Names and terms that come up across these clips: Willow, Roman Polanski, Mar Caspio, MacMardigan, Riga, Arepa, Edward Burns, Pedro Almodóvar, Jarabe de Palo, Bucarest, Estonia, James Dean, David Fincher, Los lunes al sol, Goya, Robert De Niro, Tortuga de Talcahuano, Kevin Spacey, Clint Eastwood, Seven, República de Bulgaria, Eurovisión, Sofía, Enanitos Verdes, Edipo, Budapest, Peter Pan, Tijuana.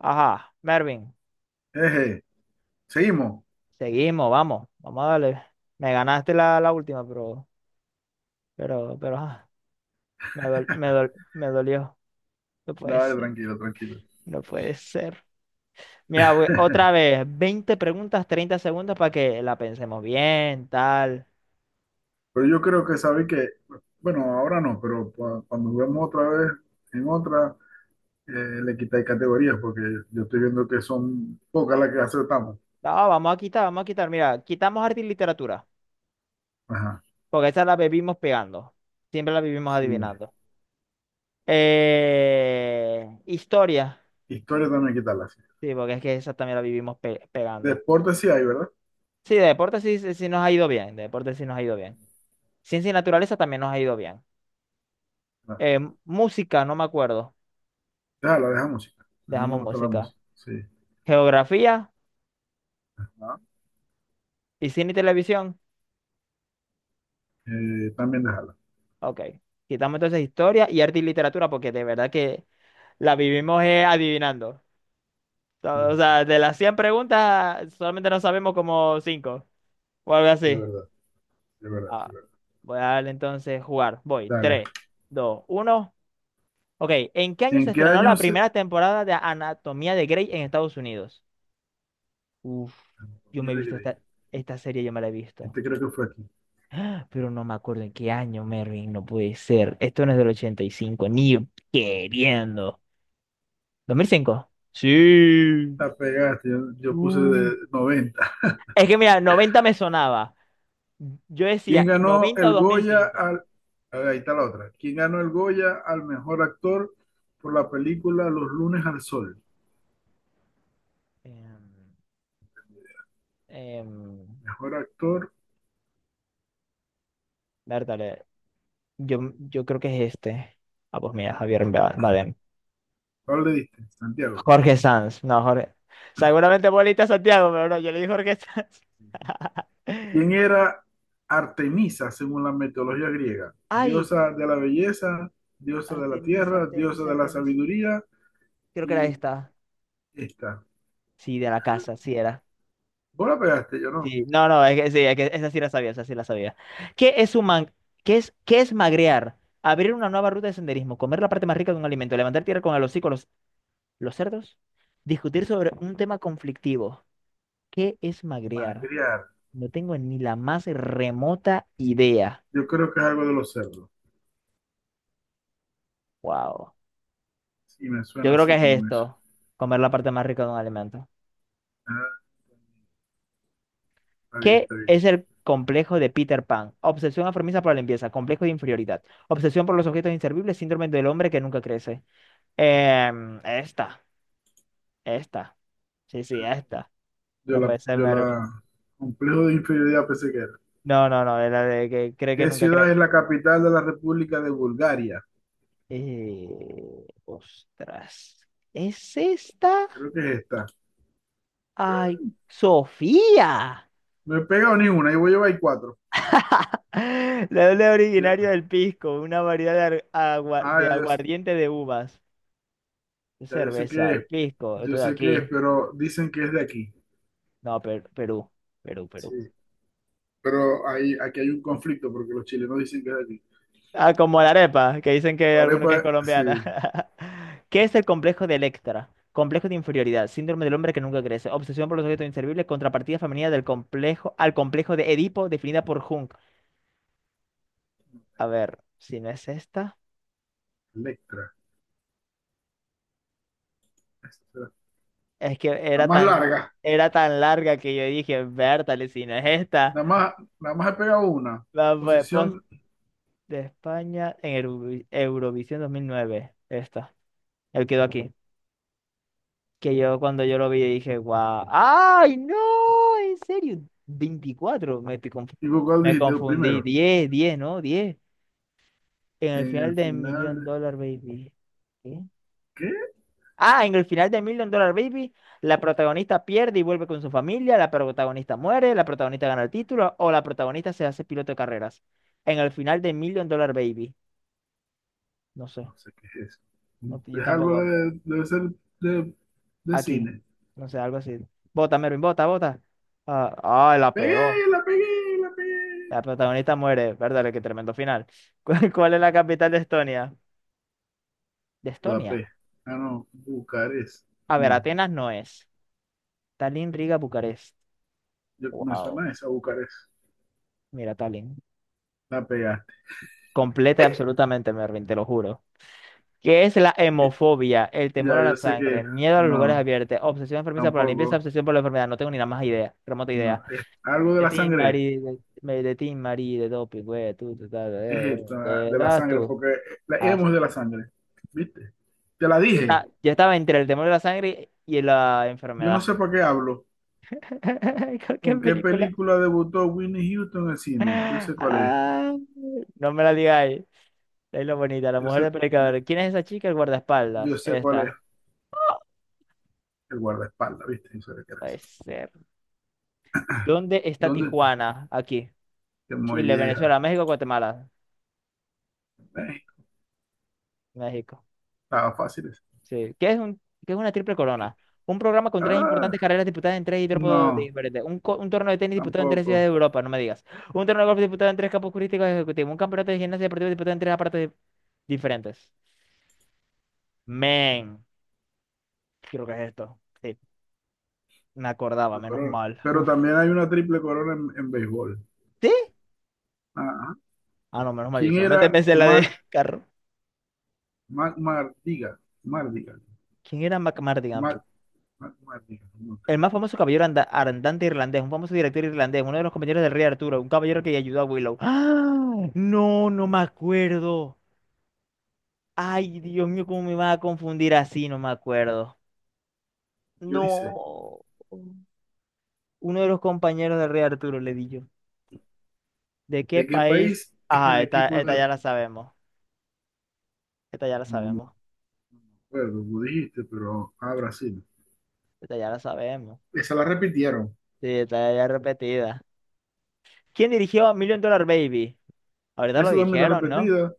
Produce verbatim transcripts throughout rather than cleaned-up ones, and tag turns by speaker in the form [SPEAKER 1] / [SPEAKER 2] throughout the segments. [SPEAKER 1] Ajá, Mervin,
[SPEAKER 2] Eje, seguimos.
[SPEAKER 1] seguimos, vamos, vamos a darle. Me ganaste la, la última, pero, pero, pero, ajá, me dol- me dol- me dolió. No puede
[SPEAKER 2] Dale,
[SPEAKER 1] ser,
[SPEAKER 2] tranquilo, tranquilo.
[SPEAKER 1] no puede ser. Mira, güey, otra vez, veinte preguntas, treinta segundos para que la pensemos bien, tal.
[SPEAKER 2] Pero yo creo que sabéis que, bueno, ahora no, pero cua- cuando juguemos otra vez en otra, eh, le quitáis categorías, porque yo estoy viendo que son pocas las que acertamos.
[SPEAKER 1] No, vamos a quitar, vamos a quitar. Mira, quitamos arte y literatura,
[SPEAKER 2] Ajá,
[SPEAKER 1] porque esa la vivimos pegando. Siempre la vivimos
[SPEAKER 2] sí.
[SPEAKER 1] adivinando. Eh, historia,
[SPEAKER 2] Historia también quitarla, sí.
[SPEAKER 1] sí, porque es que esa también la vivimos pe- pegando.
[SPEAKER 2] Deporte sí hay, ¿verdad?
[SPEAKER 1] Sí, de deporte sí, sí sí nos ha ido bien, de deporte sí nos ha ido bien. Ciencia y naturaleza también nos ha ido bien.
[SPEAKER 2] No,
[SPEAKER 1] Eh, música, no me acuerdo,
[SPEAKER 2] déjala, deja música. A mí me
[SPEAKER 1] dejamos
[SPEAKER 2] gusta la
[SPEAKER 1] música.
[SPEAKER 2] música, sí.
[SPEAKER 1] Geografía
[SPEAKER 2] Ajá.
[SPEAKER 1] y cine y televisión,
[SPEAKER 2] Eh, también déjala.
[SPEAKER 1] ok. Quitamos entonces historia y arte y literatura porque de verdad que la vivimos eh, adivinando. O
[SPEAKER 2] Sí,
[SPEAKER 1] o sea, de las cien preguntas solamente nos sabemos como cinco o algo
[SPEAKER 2] sí, de
[SPEAKER 1] así.
[SPEAKER 2] verdad, de verdad,
[SPEAKER 1] Ah,
[SPEAKER 2] de verdad.
[SPEAKER 1] voy a darle entonces jugar. Voy,
[SPEAKER 2] Dale.
[SPEAKER 1] tres, dos, uno. Ok, ¿en qué año
[SPEAKER 2] ¿En
[SPEAKER 1] se
[SPEAKER 2] qué
[SPEAKER 1] estrenó
[SPEAKER 2] año
[SPEAKER 1] la
[SPEAKER 2] se...?
[SPEAKER 1] primera temporada de Anatomía de Grey en Estados Unidos? Uf, yo
[SPEAKER 2] Anatomía
[SPEAKER 1] me he
[SPEAKER 2] de
[SPEAKER 1] visto
[SPEAKER 2] Grey.
[SPEAKER 1] esta, esta, serie, yo me la he visto,
[SPEAKER 2] Este creo que fue aquí.
[SPEAKER 1] pero no me acuerdo en qué año, Mervin, no puede ser. Esto no es del ochenta y cinco, ni queriendo. ¿dos mil cinco? Sí.
[SPEAKER 2] La pegaste, yo, yo puse
[SPEAKER 1] Uh.
[SPEAKER 2] de noventa.
[SPEAKER 1] Es que mira, noventa me sonaba. Yo
[SPEAKER 2] ¿Quién
[SPEAKER 1] decía
[SPEAKER 2] ganó
[SPEAKER 1] noventa o
[SPEAKER 2] el Goya
[SPEAKER 1] dos mil cinco.
[SPEAKER 2] al... A ver, ahí está la otra. ¿Quién ganó el Goya al mejor actor por la película Los lunes al sol?
[SPEAKER 1] Em, em,
[SPEAKER 2] Mejor actor,
[SPEAKER 1] Bertale, yo, yo creo que es este. Ah, pues mira, Javier Ba- Bardem.
[SPEAKER 2] ¿cuál le diste? Santiago.
[SPEAKER 1] Jorge Sanz, no, Jorge. Seguramente bolita Santiago, pero no, yo le di Jorge Sanz.
[SPEAKER 2] ¿Quién era Artemisa según la mitología griega?
[SPEAKER 1] Ay,
[SPEAKER 2] Diosa de la belleza, diosa de la
[SPEAKER 1] Artemisa,
[SPEAKER 2] tierra, diosa
[SPEAKER 1] Artemisa,
[SPEAKER 2] de la
[SPEAKER 1] Artemisa.
[SPEAKER 2] sabiduría
[SPEAKER 1] Creo que era
[SPEAKER 2] y
[SPEAKER 1] esta.
[SPEAKER 2] esta.
[SPEAKER 1] Sí, de la casa, sí era.
[SPEAKER 2] Vos la pegaste, yo no.
[SPEAKER 1] Sí, no, no, es que sí, es que esa sí la sabía, esa sí la sabía. ¿Qué es un man- ¿Qué es, qué es magrear? Abrir una nueva ruta de senderismo, comer la parte más rica de un alimento, levantar tierra con el hocico, los, los cerdos, discutir sobre un tema conflictivo. ¿Qué es magrear?
[SPEAKER 2] Magriar.
[SPEAKER 1] No tengo ni la más remota idea.
[SPEAKER 2] Yo creo que es algo de los cerdos.
[SPEAKER 1] Wow.
[SPEAKER 2] Sí, me
[SPEAKER 1] Yo
[SPEAKER 2] suena
[SPEAKER 1] creo que
[SPEAKER 2] así
[SPEAKER 1] es
[SPEAKER 2] como eso.
[SPEAKER 1] esto, comer la parte más rica de un alimento.
[SPEAKER 2] Ah, está bien,
[SPEAKER 1] ¿Qué
[SPEAKER 2] está bien.
[SPEAKER 1] es el complejo de Peter Pan? Obsesión enfermiza por la limpieza, complejo de inferioridad, obsesión por los objetos inservibles, síndrome del hombre que nunca crece. Em, esta, esta, sí, sí, esta.
[SPEAKER 2] Yo
[SPEAKER 1] No
[SPEAKER 2] la,
[SPEAKER 1] puede ser,
[SPEAKER 2] yo
[SPEAKER 1] Mervin.
[SPEAKER 2] la, Complejo de inferioridad pensé que era.
[SPEAKER 1] No, no, no, es la de que cree que
[SPEAKER 2] ¿Qué
[SPEAKER 1] nunca
[SPEAKER 2] ciudad
[SPEAKER 1] crece.
[SPEAKER 2] es la capital de la República de Bulgaria?
[SPEAKER 1] Eh, ostras, ¿es esta?
[SPEAKER 2] Creo que es esta.
[SPEAKER 1] ¡Ay, Sofía!
[SPEAKER 2] No he pegado ni una, ahí voy a llevar cuatro.
[SPEAKER 1] La Leble originario del pisco, una variedad de, ar- agua-
[SPEAKER 2] Ah,
[SPEAKER 1] de
[SPEAKER 2] ya yo, sé-
[SPEAKER 1] aguardiente de uvas.
[SPEAKER 2] ya yo sé
[SPEAKER 1] Cerveza,
[SPEAKER 2] qué es,
[SPEAKER 1] el pisco, esto
[SPEAKER 2] yo
[SPEAKER 1] de
[SPEAKER 2] sé qué es,
[SPEAKER 1] aquí.
[SPEAKER 2] pero dicen que es de aquí.
[SPEAKER 1] No, Per- Perú, Perú, Perú.
[SPEAKER 2] Sí. Pero ahí, aquí hay un conflicto porque los chilenos dicen que es de aquí.
[SPEAKER 1] Ah, como la arepa, que dicen que hay alguno que es
[SPEAKER 2] Arepa,
[SPEAKER 1] colombiana.
[SPEAKER 2] sí.
[SPEAKER 1] ¿Qué es el complejo de Electra? Complejo de inferioridad, síndrome del hombre que nunca crece, obsesión por los objetos inservibles, contrapartida femenina del complejo al complejo de Edipo definida por Jung. A ver, si no es esta,
[SPEAKER 2] Electra. Esta.
[SPEAKER 1] es que
[SPEAKER 2] La
[SPEAKER 1] era
[SPEAKER 2] más
[SPEAKER 1] tan
[SPEAKER 2] larga,
[SPEAKER 1] era tan larga que yo dije, Bertale, si no es esta.
[SPEAKER 2] la más, la más, he pegado una.
[SPEAKER 1] La pues, post
[SPEAKER 2] Posición,
[SPEAKER 1] de España en Eurovi- Eurovisión dos mil nueve, esta. Él quedó aquí. Que yo cuando yo lo vi dije, guau, ¡ay, no! ¿En serio? Veinticuatro, me, estoy confu-
[SPEAKER 2] ¿y vos cuál
[SPEAKER 1] me
[SPEAKER 2] dijiste
[SPEAKER 1] confundí.
[SPEAKER 2] primero?
[SPEAKER 1] Diez, diez, ¿no? Diez. En el
[SPEAKER 2] En
[SPEAKER 1] final
[SPEAKER 2] el
[SPEAKER 1] de
[SPEAKER 2] final,
[SPEAKER 1] Million
[SPEAKER 2] de-
[SPEAKER 1] Dollar Baby. ¿Qué?
[SPEAKER 2] ¿qué?
[SPEAKER 1] Ah, en el final de Million Dollar Baby, la protagonista pierde y vuelve con su familia, la protagonista muere, la protagonista gana el título o la protagonista se hace piloto de carreras. En el final de Million Dollar Baby, no sé,
[SPEAKER 2] No sé qué es eso.
[SPEAKER 1] no- yo
[SPEAKER 2] Es algo
[SPEAKER 1] tampoco.
[SPEAKER 2] de, debe ser de, de
[SPEAKER 1] Aquí,
[SPEAKER 2] cine.
[SPEAKER 1] no sé, algo así. Bota, Mervin, bota, bota. Ah, ah, la
[SPEAKER 2] Pegué,
[SPEAKER 1] pegó.
[SPEAKER 2] la pegué, la
[SPEAKER 1] La
[SPEAKER 2] pegué.
[SPEAKER 1] protagonista muere, ¿verdad? Qué tremendo final. ¿Cuál, cuál es la capital de Estonia? De Estonia.
[SPEAKER 2] Budapest. Ah, no, Bucarest.
[SPEAKER 1] A ver,
[SPEAKER 2] No,
[SPEAKER 1] Atenas no es. Tallinn, Riga, Bucarest.
[SPEAKER 2] yo, me
[SPEAKER 1] Wow.
[SPEAKER 2] suena esa Bucarest.
[SPEAKER 1] Mira, Tallinn.
[SPEAKER 2] La pegaste.
[SPEAKER 1] Completa y absolutamente, Mervin, te lo juro. ¿Qué es la
[SPEAKER 2] Y-
[SPEAKER 1] hemofobia? El temor
[SPEAKER 2] Ya,
[SPEAKER 1] a
[SPEAKER 2] yo
[SPEAKER 1] la
[SPEAKER 2] sé
[SPEAKER 1] sangre,
[SPEAKER 2] que
[SPEAKER 1] miedo a los lugares
[SPEAKER 2] no,
[SPEAKER 1] abiertos, obsesión enfermiza por la limpieza,
[SPEAKER 2] tampoco.
[SPEAKER 1] obsesión por la enfermedad. No tengo ni la más idea, remota
[SPEAKER 2] No,
[SPEAKER 1] idea.
[SPEAKER 2] es algo de
[SPEAKER 1] De
[SPEAKER 2] la
[SPEAKER 1] ti,
[SPEAKER 2] sangre.
[SPEAKER 1] Marie, de, me- de ti, Marie, de doping, güey, tú, tú, ta,
[SPEAKER 2] Es
[SPEAKER 1] eh,
[SPEAKER 2] esto, ah,
[SPEAKER 1] eh, te
[SPEAKER 2] de la
[SPEAKER 1] das
[SPEAKER 2] sangre,
[SPEAKER 1] tú.
[SPEAKER 2] porque la
[SPEAKER 1] Ah,
[SPEAKER 2] hemos
[SPEAKER 1] sí.
[SPEAKER 2] de la sangre. ¿Viste? Te la
[SPEAKER 1] Yo,
[SPEAKER 2] dije.
[SPEAKER 1] esta- yo estaba entre el temor a la sangre y la
[SPEAKER 2] Yo no
[SPEAKER 1] enfermedad.
[SPEAKER 2] sé para qué hablo.
[SPEAKER 1] ¿Con qué
[SPEAKER 2] ¿Con qué
[SPEAKER 1] película?
[SPEAKER 2] película debutó Winnie Houston en el cine? Yo sé cuál es.
[SPEAKER 1] Ah, no me la digáis. Es lo bonita, la
[SPEAKER 2] Yo sé.
[SPEAKER 1] mujer de predicador. ¿Quién es esa chica? El
[SPEAKER 2] Yo
[SPEAKER 1] guardaespaldas.
[SPEAKER 2] sé cuál es
[SPEAKER 1] Esta.
[SPEAKER 2] el guardaespaldas, ¿viste? Yo sé de qué
[SPEAKER 1] Puede
[SPEAKER 2] es.
[SPEAKER 1] ser. ¿Dónde está
[SPEAKER 2] ¿Dónde está?
[SPEAKER 1] Tijuana? Aquí.
[SPEAKER 2] Qué
[SPEAKER 1] Chile,
[SPEAKER 2] molleja.
[SPEAKER 1] Venezuela, México, Guatemala.
[SPEAKER 2] Eh,
[SPEAKER 1] México.
[SPEAKER 2] estaba fácil ese.
[SPEAKER 1] Sí. ¿Qué es un, qué es una triple corona? Un programa con tres
[SPEAKER 2] Ah,
[SPEAKER 1] importantes carreras disputadas en tres hidrópodos
[SPEAKER 2] no,
[SPEAKER 1] diferentes. Un, co- un torneo de tenis disputado en tres ciudades
[SPEAKER 2] tampoco.
[SPEAKER 1] de Europa, no me digas. Un torneo de golf disputado en tres campos turísticos ejecutivos. Un campeonato de gimnasia deportiva disputado en tres aparatos di- diferentes. Men. Creo que es esto. Sí. Me acordaba,
[SPEAKER 2] El
[SPEAKER 1] menos
[SPEAKER 2] corona.
[SPEAKER 1] mal.
[SPEAKER 2] Pero
[SPEAKER 1] ¿Usted?
[SPEAKER 2] también hay una triple corona en, en béisbol. Ajá.
[SPEAKER 1] Ah, no, menos mal. Yo
[SPEAKER 2] ¿Quién
[SPEAKER 1] solamente
[SPEAKER 2] era
[SPEAKER 1] pensé en la de
[SPEAKER 2] Mac,
[SPEAKER 1] carro.
[SPEAKER 2] Mac Mardigan? Mardigan.
[SPEAKER 1] ¿Quién era MacMardigan?
[SPEAKER 2] Mac, Mac Mardigan. No
[SPEAKER 1] El
[SPEAKER 2] tengo
[SPEAKER 1] más famoso
[SPEAKER 2] idea.
[SPEAKER 1] caballero anda- andante irlandés, un famoso director irlandés, uno de los compañeros del rey Arturo, un caballero que ayudó a Willow. ¡Ah! No, no me acuerdo. Ay, Dios mío, cómo me va a confundir así, no me acuerdo.
[SPEAKER 2] Yo ni sé.
[SPEAKER 1] No. Uno de los compañeros del rey Arturo, le di yo. ¿De qué
[SPEAKER 2] ¿De qué
[SPEAKER 1] país?
[SPEAKER 2] país es el
[SPEAKER 1] Ajá, esta,
[SPEAKER 2] equipo
[SPEAKER 1] esta
[SPEAKER 2] de...
[SPEAKER 1] ya la sabemos. Esta ya la
[SPEAKER 2] No me
[SPEAKER 1] sabemos.
[SPEAKER 2] acuerdo, tú dijiste, pero... Ah, Brasil.
[SPEAKER 1] Esta ya la sabemos.
[SPEAKER 2] Esa la repitieron.
[SPEAKER 1] Sí, esta ya es repetida. ¿Quién dirigió Million Dollar Baby? Ahorita lo
[SPEAKER 2] Esa también está
[SPEAKER 1] dijeron, ¿no?
[SPEAKER 2] repetida.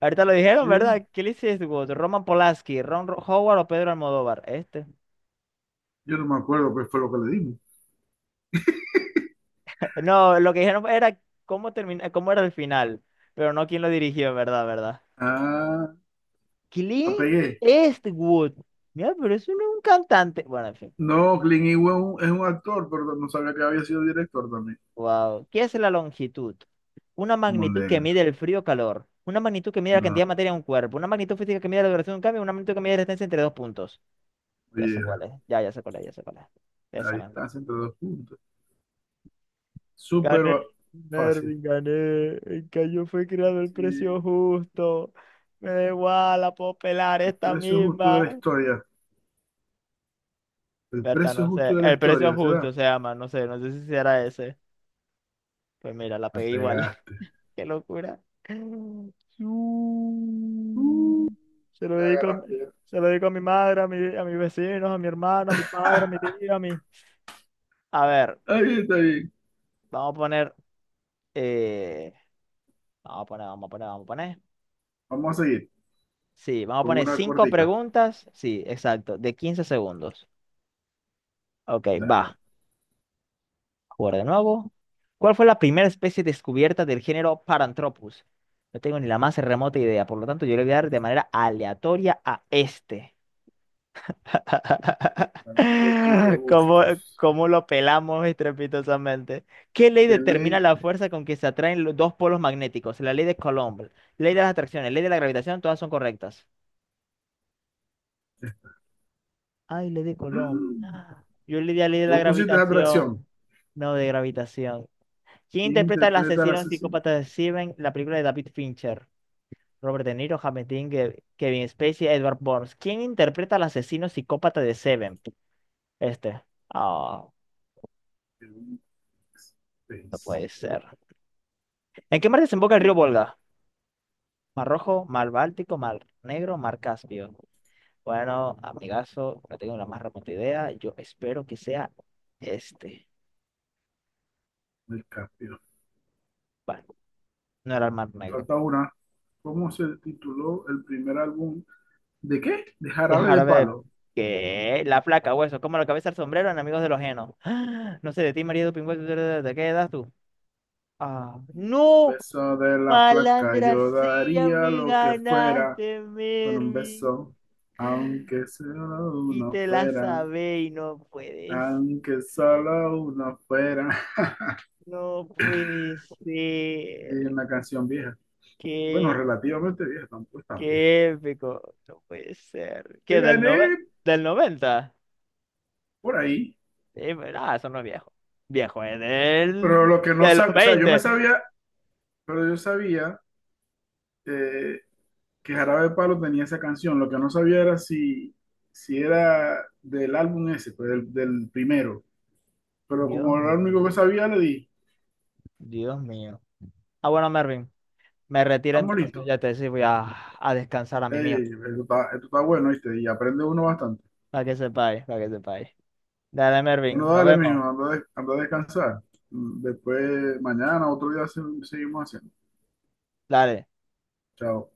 [SPEAKER 1] Ahorita lo dijeron,
[SPEAKER 2] Sí.
[SPEAKER 1] ¿verdad? Clint Eastwood, Roman Polanski, Ron Ro- Howard o Pedro Almodóvar. Este.
[SPEAKER 2] Yo no me acuerdo qué fue lo que le dimos.
[SPEAKER 1] No, lo que dijeron era cómo termina, cómo era el final, pero no quién lo dirigió, ¿verdad? ¿Verdad?
[SPEAKER 2] Ah, la
[SPEAKER 1] Clint
[SPEAKER 2] pegué.
[SPEAKER 1] Eastwood. Mira, pero eso no es un un cantante. Bueno, en fin.
[SPEAKER 2] No, Clint Eastwood es un, es un actor, pero no sabía que había sido director también.
[SPEAKER 1] Wow. ¿Qué es la longitud? Una magnitud que
[SPEAKER 2] Mondego.
[SPEAKER 1] mide el frío o calor. Una magnitud que mide la
[SPEAKER 2] No,
[SPEAKER 1] cantidad de materia en un cuerpo. Una magnitud física que mide la duración de un cambio. Una magnitud que mide la distancia entre dos puntos. Ya sé
[SPEAKER 2] oye,
[SPEAKER 1] cuál es. Ya, ya sé cuál es, ya sé cuál es.
[SPEAKER 2] la
[SPEAKER 1] Esa misma.
[SPEAKER 2] distancia entre dos puntos. Súper
[SPEAKER 1] Gané,
[SPEAKER 2] va- Fácil.
[SPEAKER 1] Mervin, gané. El callo fue creado el precio
[SPEAKER 2] Sí,
[SPEAKER 1] justo. Me da igual, la puedo pelar
[SPEAKER 2] el
[SPEAKER 1] esta
[SPEAKER 2] precio justo de la
[SPEAKER 1] misma.
[SPEAKER 2] historia. El
[SPEAKER 1] Berta,
[SPEAKER 2] precio
[SPEAKER 1] no
[SPEAKER 2] justo
[SPEAKER 1] sé.
[SPEAKER 2] de la
[SPEAKER 1] El precio
[SPEAKER 2] historia,
[SPEAKER 1] justo
[SPEAKER 2] ¿será?
[SPEAKER 1] se llama, no sé, no sé si será ese. Pues mira, la
[SPEAKER 2] La
[SPEAKER 1] pegué igual.
[SPEAKER 2] pegaste.
[SPEAKER 1] Qué locura.
[SPEAKER 2] Uh,
[SPEAKER 1] Su- Se lo
[SPEAKER 2] ya
[SPEAKER 1] dedico a mi,
[SPEAKER 2] agarraste. Ya.
[SPEAKER 1] se lo dedico a mi madre, a mi, a mis vecinos, a mi hermano, a mi padre, a mi tío, a mi. A ver,
[SPEAKER 2] Está bien, está bien.
[SPEAKER 1] vamos a poner. eh, Vamos a poner, vamos a poner, vamos a poner.
[SPEAKER 2] Vamos a seguir
[SPEAKER 1] Sí, vamos a
[SPEAKER 2] con
[SPEAKER 1] poner
[SPEAKER 2] una
[SPEAKER 1] cinco
[SPEAKER 2] cortita.
[SPEAKER 1] preguntas. Sí, exacto, de quince segundos. Ok,
[SPEAKER 2] Dale.
[SPEAKER 1] va. Jugar de nuevo. ¿Cuál fue la primera especie descubierta del género Paranthropus? No tengo ni la más remota idea, por lo tanto yo le voy a dar de manera aleatoria a este.
[SPEAKER 2] Para Antrocus
[SPEAKER 1] ¿Cómo,
[SPEAKER 2] robustos.
[SPEAKER 1] cómo lo pelamos estrepitosamente? ¿Qué ley
[SPEAKER 2] ¿Qué
[SPEAKER 1] determina
[SPEAKER 2] ley?
[SPEAKER 1] la fuerza con que se atraen los dos polos magnéticos? La ley de Coulomb, ley de las atracciones, ley de la gravitación, todas son correctas. Ay, le di Colón.
[SPEAKER 2] Mm.
[SPEAKER 1] Ah, yo le di a Ley de la
[SPEAKER 2] Vos pusiste atracción.
[SPEAKER 1] Gravitación. No, de gravitación. ¿Quién
[SPEAKER 2] ¿Quién
[SPEAKER 1] interpreta al
[SPEAKER 2] interpreta al
[SPEAKER 1] asesino
[SPEAKER 2] asesino?
[SPEAKER 1] psicópata de Steven, la película de David Fincher? Robert De Niro, James Dean, Ge- Kevin Spacey, Edward Burns. ¿Quién interpreta al asesino psicópata de Seven? Este. Ah, no
[SPEAKER 2] Space.
[SPEAKER 1] puede ser. ¿En qué mar desemboca el río
[SPEAKER 2] ¿Qué?
[SPEAKER 1] Volga? ¿Mar Rojo, Mar Báltico, Mar Negro, Mar Caspio? Bueno, amigazo, no tengo la más remota idea. Yo espero que sea este.
[SPEAKER 2] El cambio.
[SPEAKER 1] Bueno, no era el Mar Negro.
[SPEAKER 2] Falta una. ¿Cómo se tituló el primer álbum? ¿De qué? De Jarabe de
[SPEAKER 1] Dejar ver
[SPEAKER 2] Palo.
[SPEAKER 1] que la placa, hueso, como la cabeza el sombrero en Amigos de los Genos. No sé de ti, María Pingüe, ¿de qué edad tú? Ah, no,
[SPEAKER 2] Beso de la placa,
[SPEAKER 1] malandra
[SPEAKER 2] yo
[SPEAKER 1] sea,
[SPEAKER 2] daría
[SPEAKER 1] me
[SPEAKER 2] lo que fuera
[SPEAKER 1] ganaste,
[SPEAKER 2] con un
[SPEAKER 1] Mervin.
[SPEAKER 2] beso, aunque solo
[SPEAKER 1] Y
[SPEAKER 2] uno
[SPEAKER 1] te la
[SPEAKER 2] fuera,
[SPEAKER 1] sabé y no puedes.
[SPEAKER 2] aunque solo uno fuera.
[SPEAKER 1] No puede
[SPEAKER 2] Es
[SPEAKER 1] ser.
[SPEAKER 2] una canción vieja. Bueno,
[SPEAKER 1] Qué,
[SPEAKER 2] relativamente vieja, tampoco es tan vieja.
[SPEAKER 1] qué épico. No puede ser.
[SPEAKER 2] Te
[SPEAKER 1] ¿Qué del
[SPEAKER 2] gané
[SPEAKER 1] nove- del noventa?
[SPEAKER 2] por ahí,
[SPEAKER 1] Sí, pero, ah, eso no es viejo. Viejo es del
[SPEAKER 2] pero lo que no
[SPEAKER 1] de los
[SPEAKER 2] sabía, o sea, yo me
[SPEAKER 1] veinte.
[SPEAKER 2] sabía, pero yo sabía eh, que Jarabe de Palo tenía esa canción. Lo que no sabía era si, si era del álbum ese, pues del, del primero. Pero
[SPEAKER 1] Dios
[SPEAKER 2] como era lo único
[SPEAKER 1] mío,
[SPEAKER 2] que sabía, le di,
[SPEAKER 1] Dios mío. Ah, bueno, Mervin, me retiro
[SPEAKER 2] estamos
[SPEAKER 1] entonces,
[SPEAKER 2] listos.
[SPEAKER 1] ya te decía, voy a, a descansar a mi mío,
[SPEAKER 2] Ey, esto está, esto está bueno, ¿viste? Y aprende uno bastante.
[SPEAKER 1] para que sepáis, para que sepáis. Dale,
[SPEAKER 2] Bueno,
[SPEAKER 1] Mervin, nos
[SPEAKER 2] dale,
[SPEAKER 1] vemos.
[SPEAKER 2] mijo, anda, a des- anda a descansar. Mm, después, mañana, otro día, se- seguimos haciendo.
[SPEAKER 1] Dale.
[SPEAKER 2] Chao.